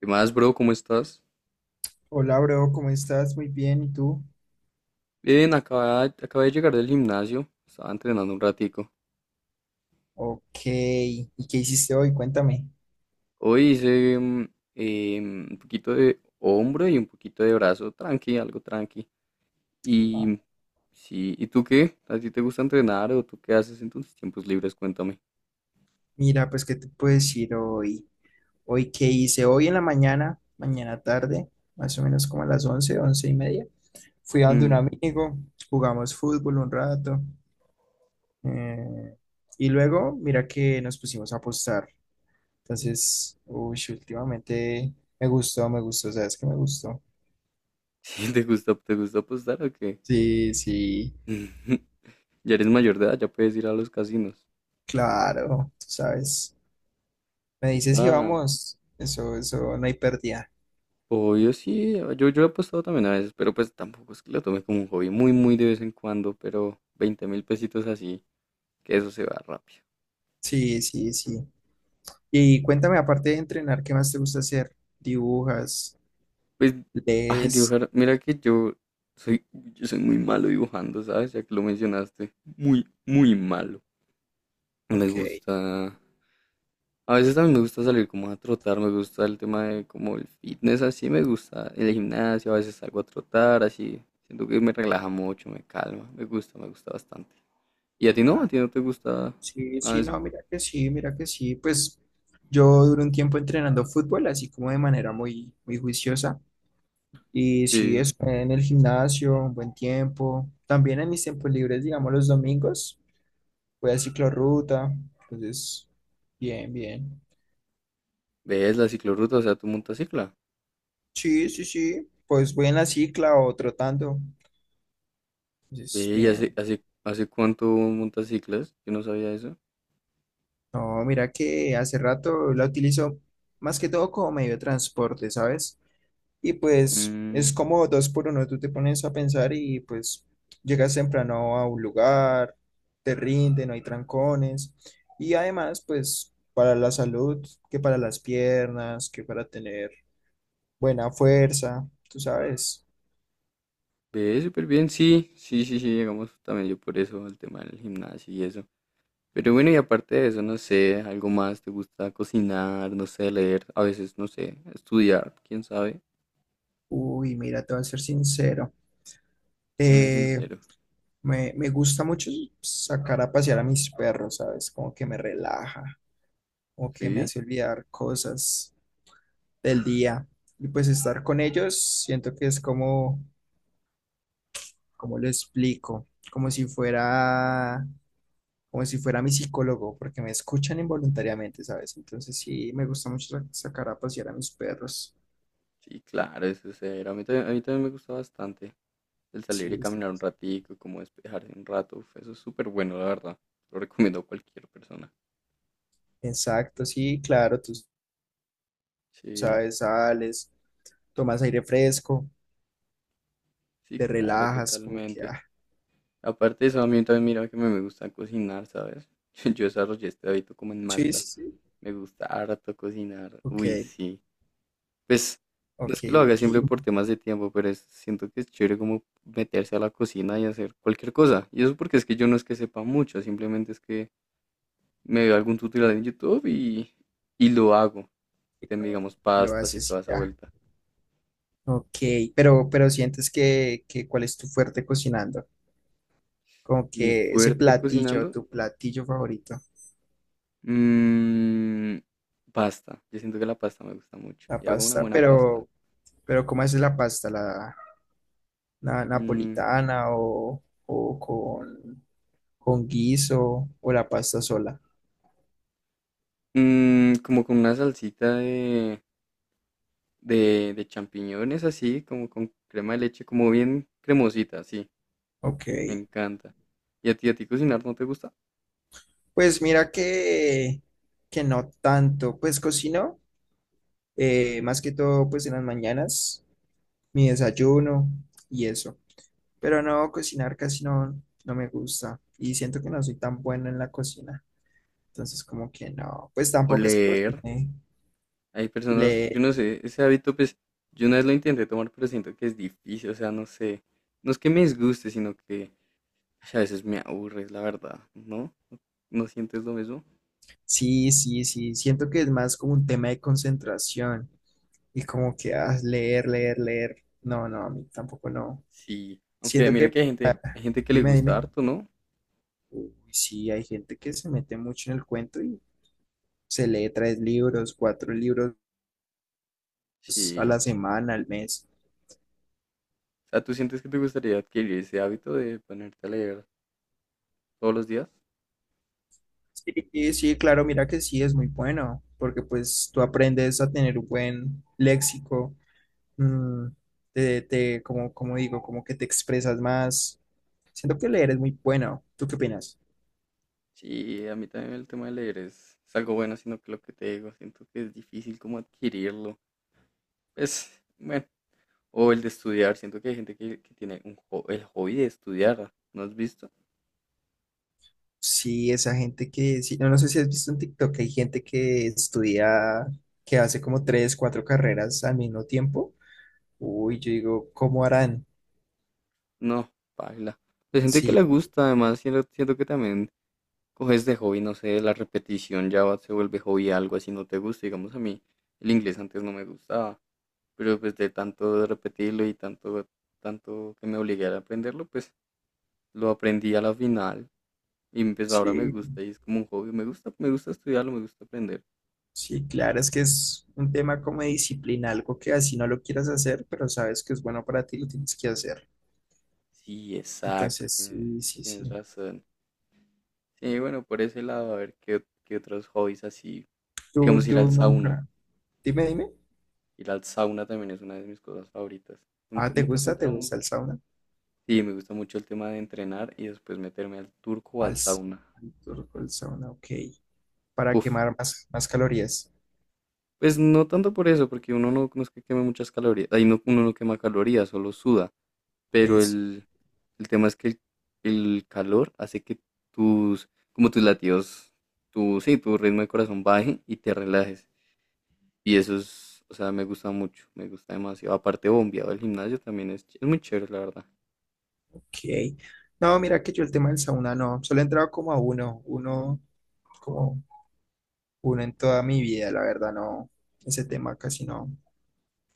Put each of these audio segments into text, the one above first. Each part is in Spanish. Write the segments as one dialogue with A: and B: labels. A: ¿Qué más, bro? ¿Cómo estás?
B: Hola, bro, ¿cómo estás? Muy bien, ¿y tú?
A: Bien, acabé de llegar del gimnasio. Estaba entrenando un ratico.
B: Ok, ¿y qué hiciste hoy? Cuéntame.
A: Hoy hice un poquito de hombro y un poquito de brazo. Tranqui, algo tranqui.
B: Ah.
A: Y sí, ¿y tú qué? ¿A ti te gusta entrenar o tú qué haces en tus tiempos libres? Cuéntame.
B: Mira, pues, ¿qué te puedo decir hoy? Hoy, ¿qué hice? Hoy en la mañana, mañana tarde, más o menos como a las 11, 11:30, fui a donde un
A: Mm.
B: amigo, jugamos fútbol un rato, eh, y luego, mira que nos pusimos a apostar. Entonces, uy, últimamente me gustó, ¿sabes qué me gustó?
A: ¿Sí te gusta apostar o qué?
B: Sí, sí,
A: Ya eres mayor de edad, ya puedes ir a los casinos.
B: claro, tú sabes. Me dice, sí,
A: Upa.
B: vamos, eso, no hay pérdida.
A: Obvio, sí, yo he apostado también a veces, pero pues tampoco es que lo tome como un hobby, muy, muy de vez en cuando, pero 20.000 pesitos así, que eso se va rápido.
B: Sí, sí, sí. Y cuéntame, aparte de entrenar, ¿qué más te gusta hacer? ¿Dibujas?
A: Pues, ay,
B: ¿Lees?
A: dibujar, mira que yo soy muy malo dibujando, ¿sabes? Ya que lo mencionaste, muy, muy malo. Me
B: Ok.
A: gusta, a veces también me gusta salir como a trotar, me gusta el tema de como el fitness, así me gusta, el gimnasio, a veces salgo a trotar, así, siento que me relaja mucho, me calma, me gusta bastante. ¿Y a ti no? ¿A
B: Ah,
A: ti no te gusta
B: sí,
A: nada de
B: sí,
A: eso?
B: no, mira que sí, mira que sí. Pues yo duré un tiempo entrenando fútbol, así como de manera muy, muy juiciosa. Y sí,
A: Sí.
B: es en el gimnasio, un buen tiempo. También en mis tiempos libres, digamos los domingos, voy a ciclorruta. Entonces, bien, bien.
A: ¿Ves la ciclorruta? O sea, tú montas cicla.
B: Sí, sí, sí. Pues voy en la cicla o trotando.
A: Ve,
B: Es
A: ¿y hace,
B: bien.
A: hace, hace cuánto montas ciclas? Yo no sabía eso.
B: No, mira que hace rato la utilizo más que todo como medio de transporte, ¿sabes? Y pues
A: Mm,
B: es como dos por uno. Tú te pones a pensar y pues llegas temprano a un lugar, te rinde, no hay trancones. Y además, pues para la salud, que para las piernas, que para tener buena fuerza, tú sabes.
A: ve, súper bien. Sí, sí, sí, sí. Llegamos también yo por eso, al tema del gimnasio y eso. Pero bueno, y aparte de eso, no sé, algo más. ¿Te gusta cocinar? No sé, leer. A veces, no sé, estudiar. ¿Quién sabe?
B: Uy, mira, te voy a ser sincero.
A: Séme
B: Eh,
A: sincero.
B: me gusta mucho sacar a pasear a mis perros, ¿sabes? Como que me relaja, como que me
A: Sí,
B: hace olvidar cosas del día. Y pues estar con ellos, siento que es como, como lo explico, como si fuera mi psicólogo, porque me escuchan involuntariamente, ¿sabes? Entonces sí, me gusta mucho sacar a pasear a mis perros.
A: sí, claro, eso es cero. A mí también me gusta bastante. El salir y
B: Sí,
A: caminar un ratico, como despejarse un rato, uf, eso es súper bueno, la verdad. Lo recomiendo a cualquier persona.
B: exacto, sí, claro, tú
A: Sí,
B: sabes, sales, tomas aire fresco,
A: sí,
B: te
A: claro,
B: relajas, como que,
A: totalmente.
B: ah,
A: Aparte de eso, a mí también mira que me gusta cocinar, ¿sabes? Yo desarrollé este hábito como en
B: sí,
A: Malta.
B: sí, sí,
A: Me gusta harto cocinar. Uy,
B: ok.
A: sí. Pues no
B: Ok,
A: es que lo haga
B: ok. Y
A: siempre
B: lo
A: por temas de tiempo, pero siento que es chévere como meterse a la cocina y hacer cualquier cosa. Y eso porque es que yo no es que sepa mucho, simplemente es que me veo algún tutorial en YouTube y lo hago. Digamos,
B: y lo
A: pastas y
B: haces
A: toda
B: y
A: esa
B: ya.
A: vuelta.
B: Ok, pero sientes que, cuál es tu fuerte cocinando. Como
A: Mi
B: que ese
A: fuerte
B: platillo,
A: cocinando,
B: tu platillo favorito,
A: mm, pasta. Yo siento que la pasta me gusta mucho.
B: la
A: Y hago una
B: pasta.
A: buena pasta.
B: Pero ¿cómo haces la pasta? ¿La
A: Mm,
B: napolitana o con guiso o la pasta sola?
A: como con una salsita de, de champiñones así, como con crema de leche, como bien cremosita, sí.
B: Ok,
A: Me encanta. ¿Y a ti cocinar no te gusta?
B: pues mira que no tanto, pues cocino, más que todo pues en las mañanas, mi desayuno y eso. Pero no, cocinar casi no, no me gusta y siento que no soy tan bueno en la cocina. Entonces como que no, pues
A: O
B: tampoco es que
A: leer.
B: cocine.
A: Hay personas,
B: Le,
A: yo no sé, ese hábito, pues, yo una vez lo intenté tomar, pero siento que es difícil, o sea, no sé. No es que me disguste, sino que a veces me aburres, la verdad, ¿no? ¿No sientes lo mismo?
B: sí, sí, sí, siento que es más como un tema de concentración y como que ah, leer, leer, leer. No, no, a mí tampoco no.
A: Sí. Aunque
B: Siento
A: mira que
B: que,
A: hay gente que le
B: dime,
A: gusta
B: dime.
A: harto, ¿no?
B: Uy, sí, hay gente que se mete mucho en el cuento y se lee tres libros, cuatro libros pues, a
A: Sí.
B: la semana, al mes.
A: O sea, ¿tú sientes que te gustaría adquirir ese hábito de ponerte a leer todos los días?
B: Sí, sí, claro, mira que sí es muy bueno, porque pues tú aprendes a tener un buen léxico, mm, como digo, como que te expresas más. Siento que leer es muy bueno. ¿Tú qué opinas?
A: Sí, a mí también el tema de leer es algo bueno, sino que lo que te digo, siento que es difícil como adquirirlo. Es, bueno, o el de estudiar, siento que hay gente que tiene un el hobby de estudiar, ¿no has visto?
B: Sí, esa gente que, sí, no, no sé si has visto en TikTok, que hay gente que estudia, que hace como tres, cuatro carreras al mismo tiempo. Uy, yo digo, ¿cómo harán?
A: No, paila. Hay gente que le
B: Sí,
A: gusta, además, siento, siento que también coges de hobby, no sé, la repetición ya se vuelve hobby algo así, no te gusta, digamos a mí, el inglés antes no me gustaba, pero pues de tanto de repetirlo y tanto, tanto que me obligué a aprenderlo, pues lo aprendí a la final y pues ahora me
B: sí,
A: gusta y es como un hobby, me gusta estudiarlo, me gusta aprender.
B: sí, claro, es que es un tema como de disciplina, algo que así no lo quieras hacer, pero sabes que es bueno para ti, lo tienes que hacer.
A: Sí, exacto,
B: Entonces, sí, sí,
A: tienes
B: sí.
A: razón. Sí, bueno, por ese lado, a ver qué, qué otros hobbies así,
B: Tú,
A: digamos
B: tú nunca. Dime, dime.
A: ir al sauna también es una de mis cosas favoritas.
B: Ah,
A: Nunca,
B: ¿te
A: nunca has
B: gusta? ¿Te
A: entrado.
B: gusta el sauna?
A: Sí, me gusta mucho el tema de entrenar y después meterme al turco o
B: Al,
A: al
B: s-
A: sauna.
B: al turco el sauna, ok. Para
A: Uf,
B: quemar más calorías.
A: pues no tanto por eso, porque uno no, no es que queme muchas calorías, ahí no, uno no quema calorías, solo suda, pero
B: Es,
A: el tema es que el calor hace que tus, como tus latidos, tu, sí, tu ritmo de corazón baje y te relajes. Y eso es, o sea, me gusta mucho, me gusta demasiado. Aparte, bombeado el gimnasio también es, es muy chévere, la verdad.
B: ok. No, mira que yo el tema del sauna no. Solo he entrado como a uno, uno, como uno en toda mi vida, la verdad, no. Ese tema casi no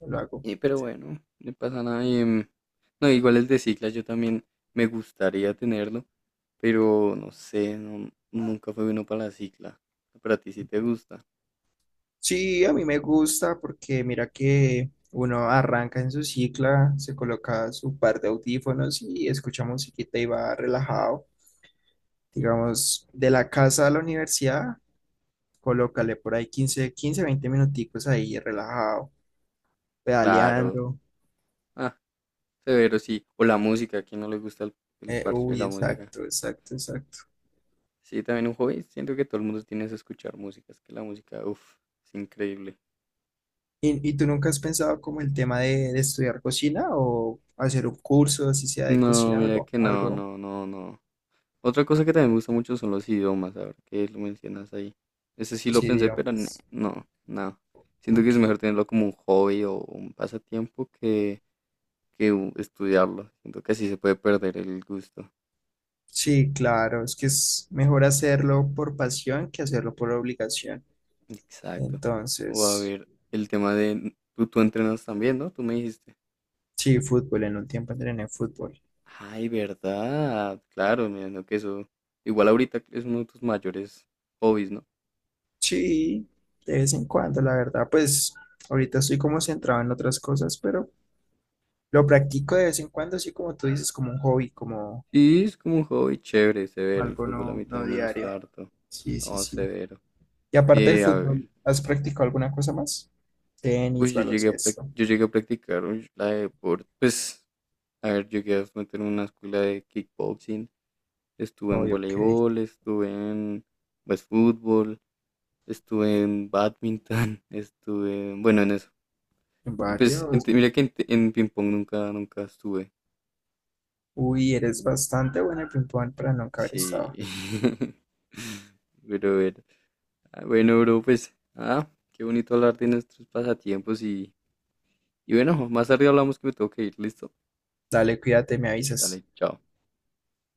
B: no lo hago.
A: Y pero bueno, no pasa nada. No, igual el de cicla yo también me gustaría tenerlo, pero no sé, no, nunca fue bueno para la cicla. Pero a ti sí te gusta.
B: Sí, a mí me gusta porque mira que uno arranca en su cicla, se coloca su par de audífonos y escucha musiquita y va relajado. Digamos, de la casa a la universidad, colócale por ahí 15, 15, 20 minuticos ahí relajado,
A: Claro.
B: pedaleando.
A: Ah, severo, sí. O la música, ¿a quién no le gusta el
B: Eh,
A: parche de
B: uy,
A: la música?
B: exacto, exacto, exacto.
A: Sí, también un hobby. Siento que todo el mundo tiene que escuchar música. Es que la música, uff, es increíble.
B: ¿Y tú nunca has pensado como el tema de estudiar cocina o hacer un curso, si sea de
A: No,
B: cocina,
A: mira
B: algo,
A: que no,
B: algo,
A: no, no, no. Otra cosa que también me gusta mucho son los idiomas, ahora que lo mencionas ahí. Ese sí lo
B: sí,
A: pensé, pero nah,
B: digamos.
A: no, no. Siento que
B: Ok.
A: es mejor tenerlo como un hobby o un pasatiempo que estudiarlo. Siento que así se puede perder el gusto.
B: Sí, claro, es que es mejor hacerlo por pasión que hacerlo por obligación.
A: Exacto. O a
B: Entonces,
A: ver, el tema de... Tú entrenas también, ¿no? Tú me dijiste.
B: sí, fútbol, en un tiempo entrené fútbol.
A: Ay, verdad. Claro, me imagino que eso... Igual ahorita es uno de tus mayores hobbies, ¿no?
B: Sí, de vez en cuando, la verdad, pues ahorita estoy como centrado en otras cosas, pero lo practico de vez en cuando, así como tú dices, como un hobby, como
A: Sí, es como un hobby chévere, severo. El
B: algo
A: fútbol a
B: no,
A: mí
B: no
A: también me
B: diario.
A: gusta harto.
B: Sí, sí,
A: No,
B: sí.
A: severo.
B: Y aparte del
A: A ver,
B: fútbol, ¿has practicado alguna cosa más? Tenis,
A: uy,
B: baloncesto.
A: yo llegué a practicar uy, la de deporte, pues, a ver, llegué a meter en una escuela de kickboxing, estuve
B: Oh,
A: en
B: ok,
A: voleibol, estuve en, pues, fútbol, estuve en badminton, estuve, bueno, en eso. Y pues,
B: varios.
A: mira que en, en ping pong nunca, nunca estuve.
B: Uy, eres bastante buena en ping-pong para nunca haber
A: Sí.
B: estado.
A: Pero bueno, ah, bueno, bro, pues, ah, qué bonito hablar de nuestros pasatiempos y bueno, más tarde hablamos que me tengo que ir, ¿listo?
B: Dale, cuídate, me avisas.
A: Dale, chao.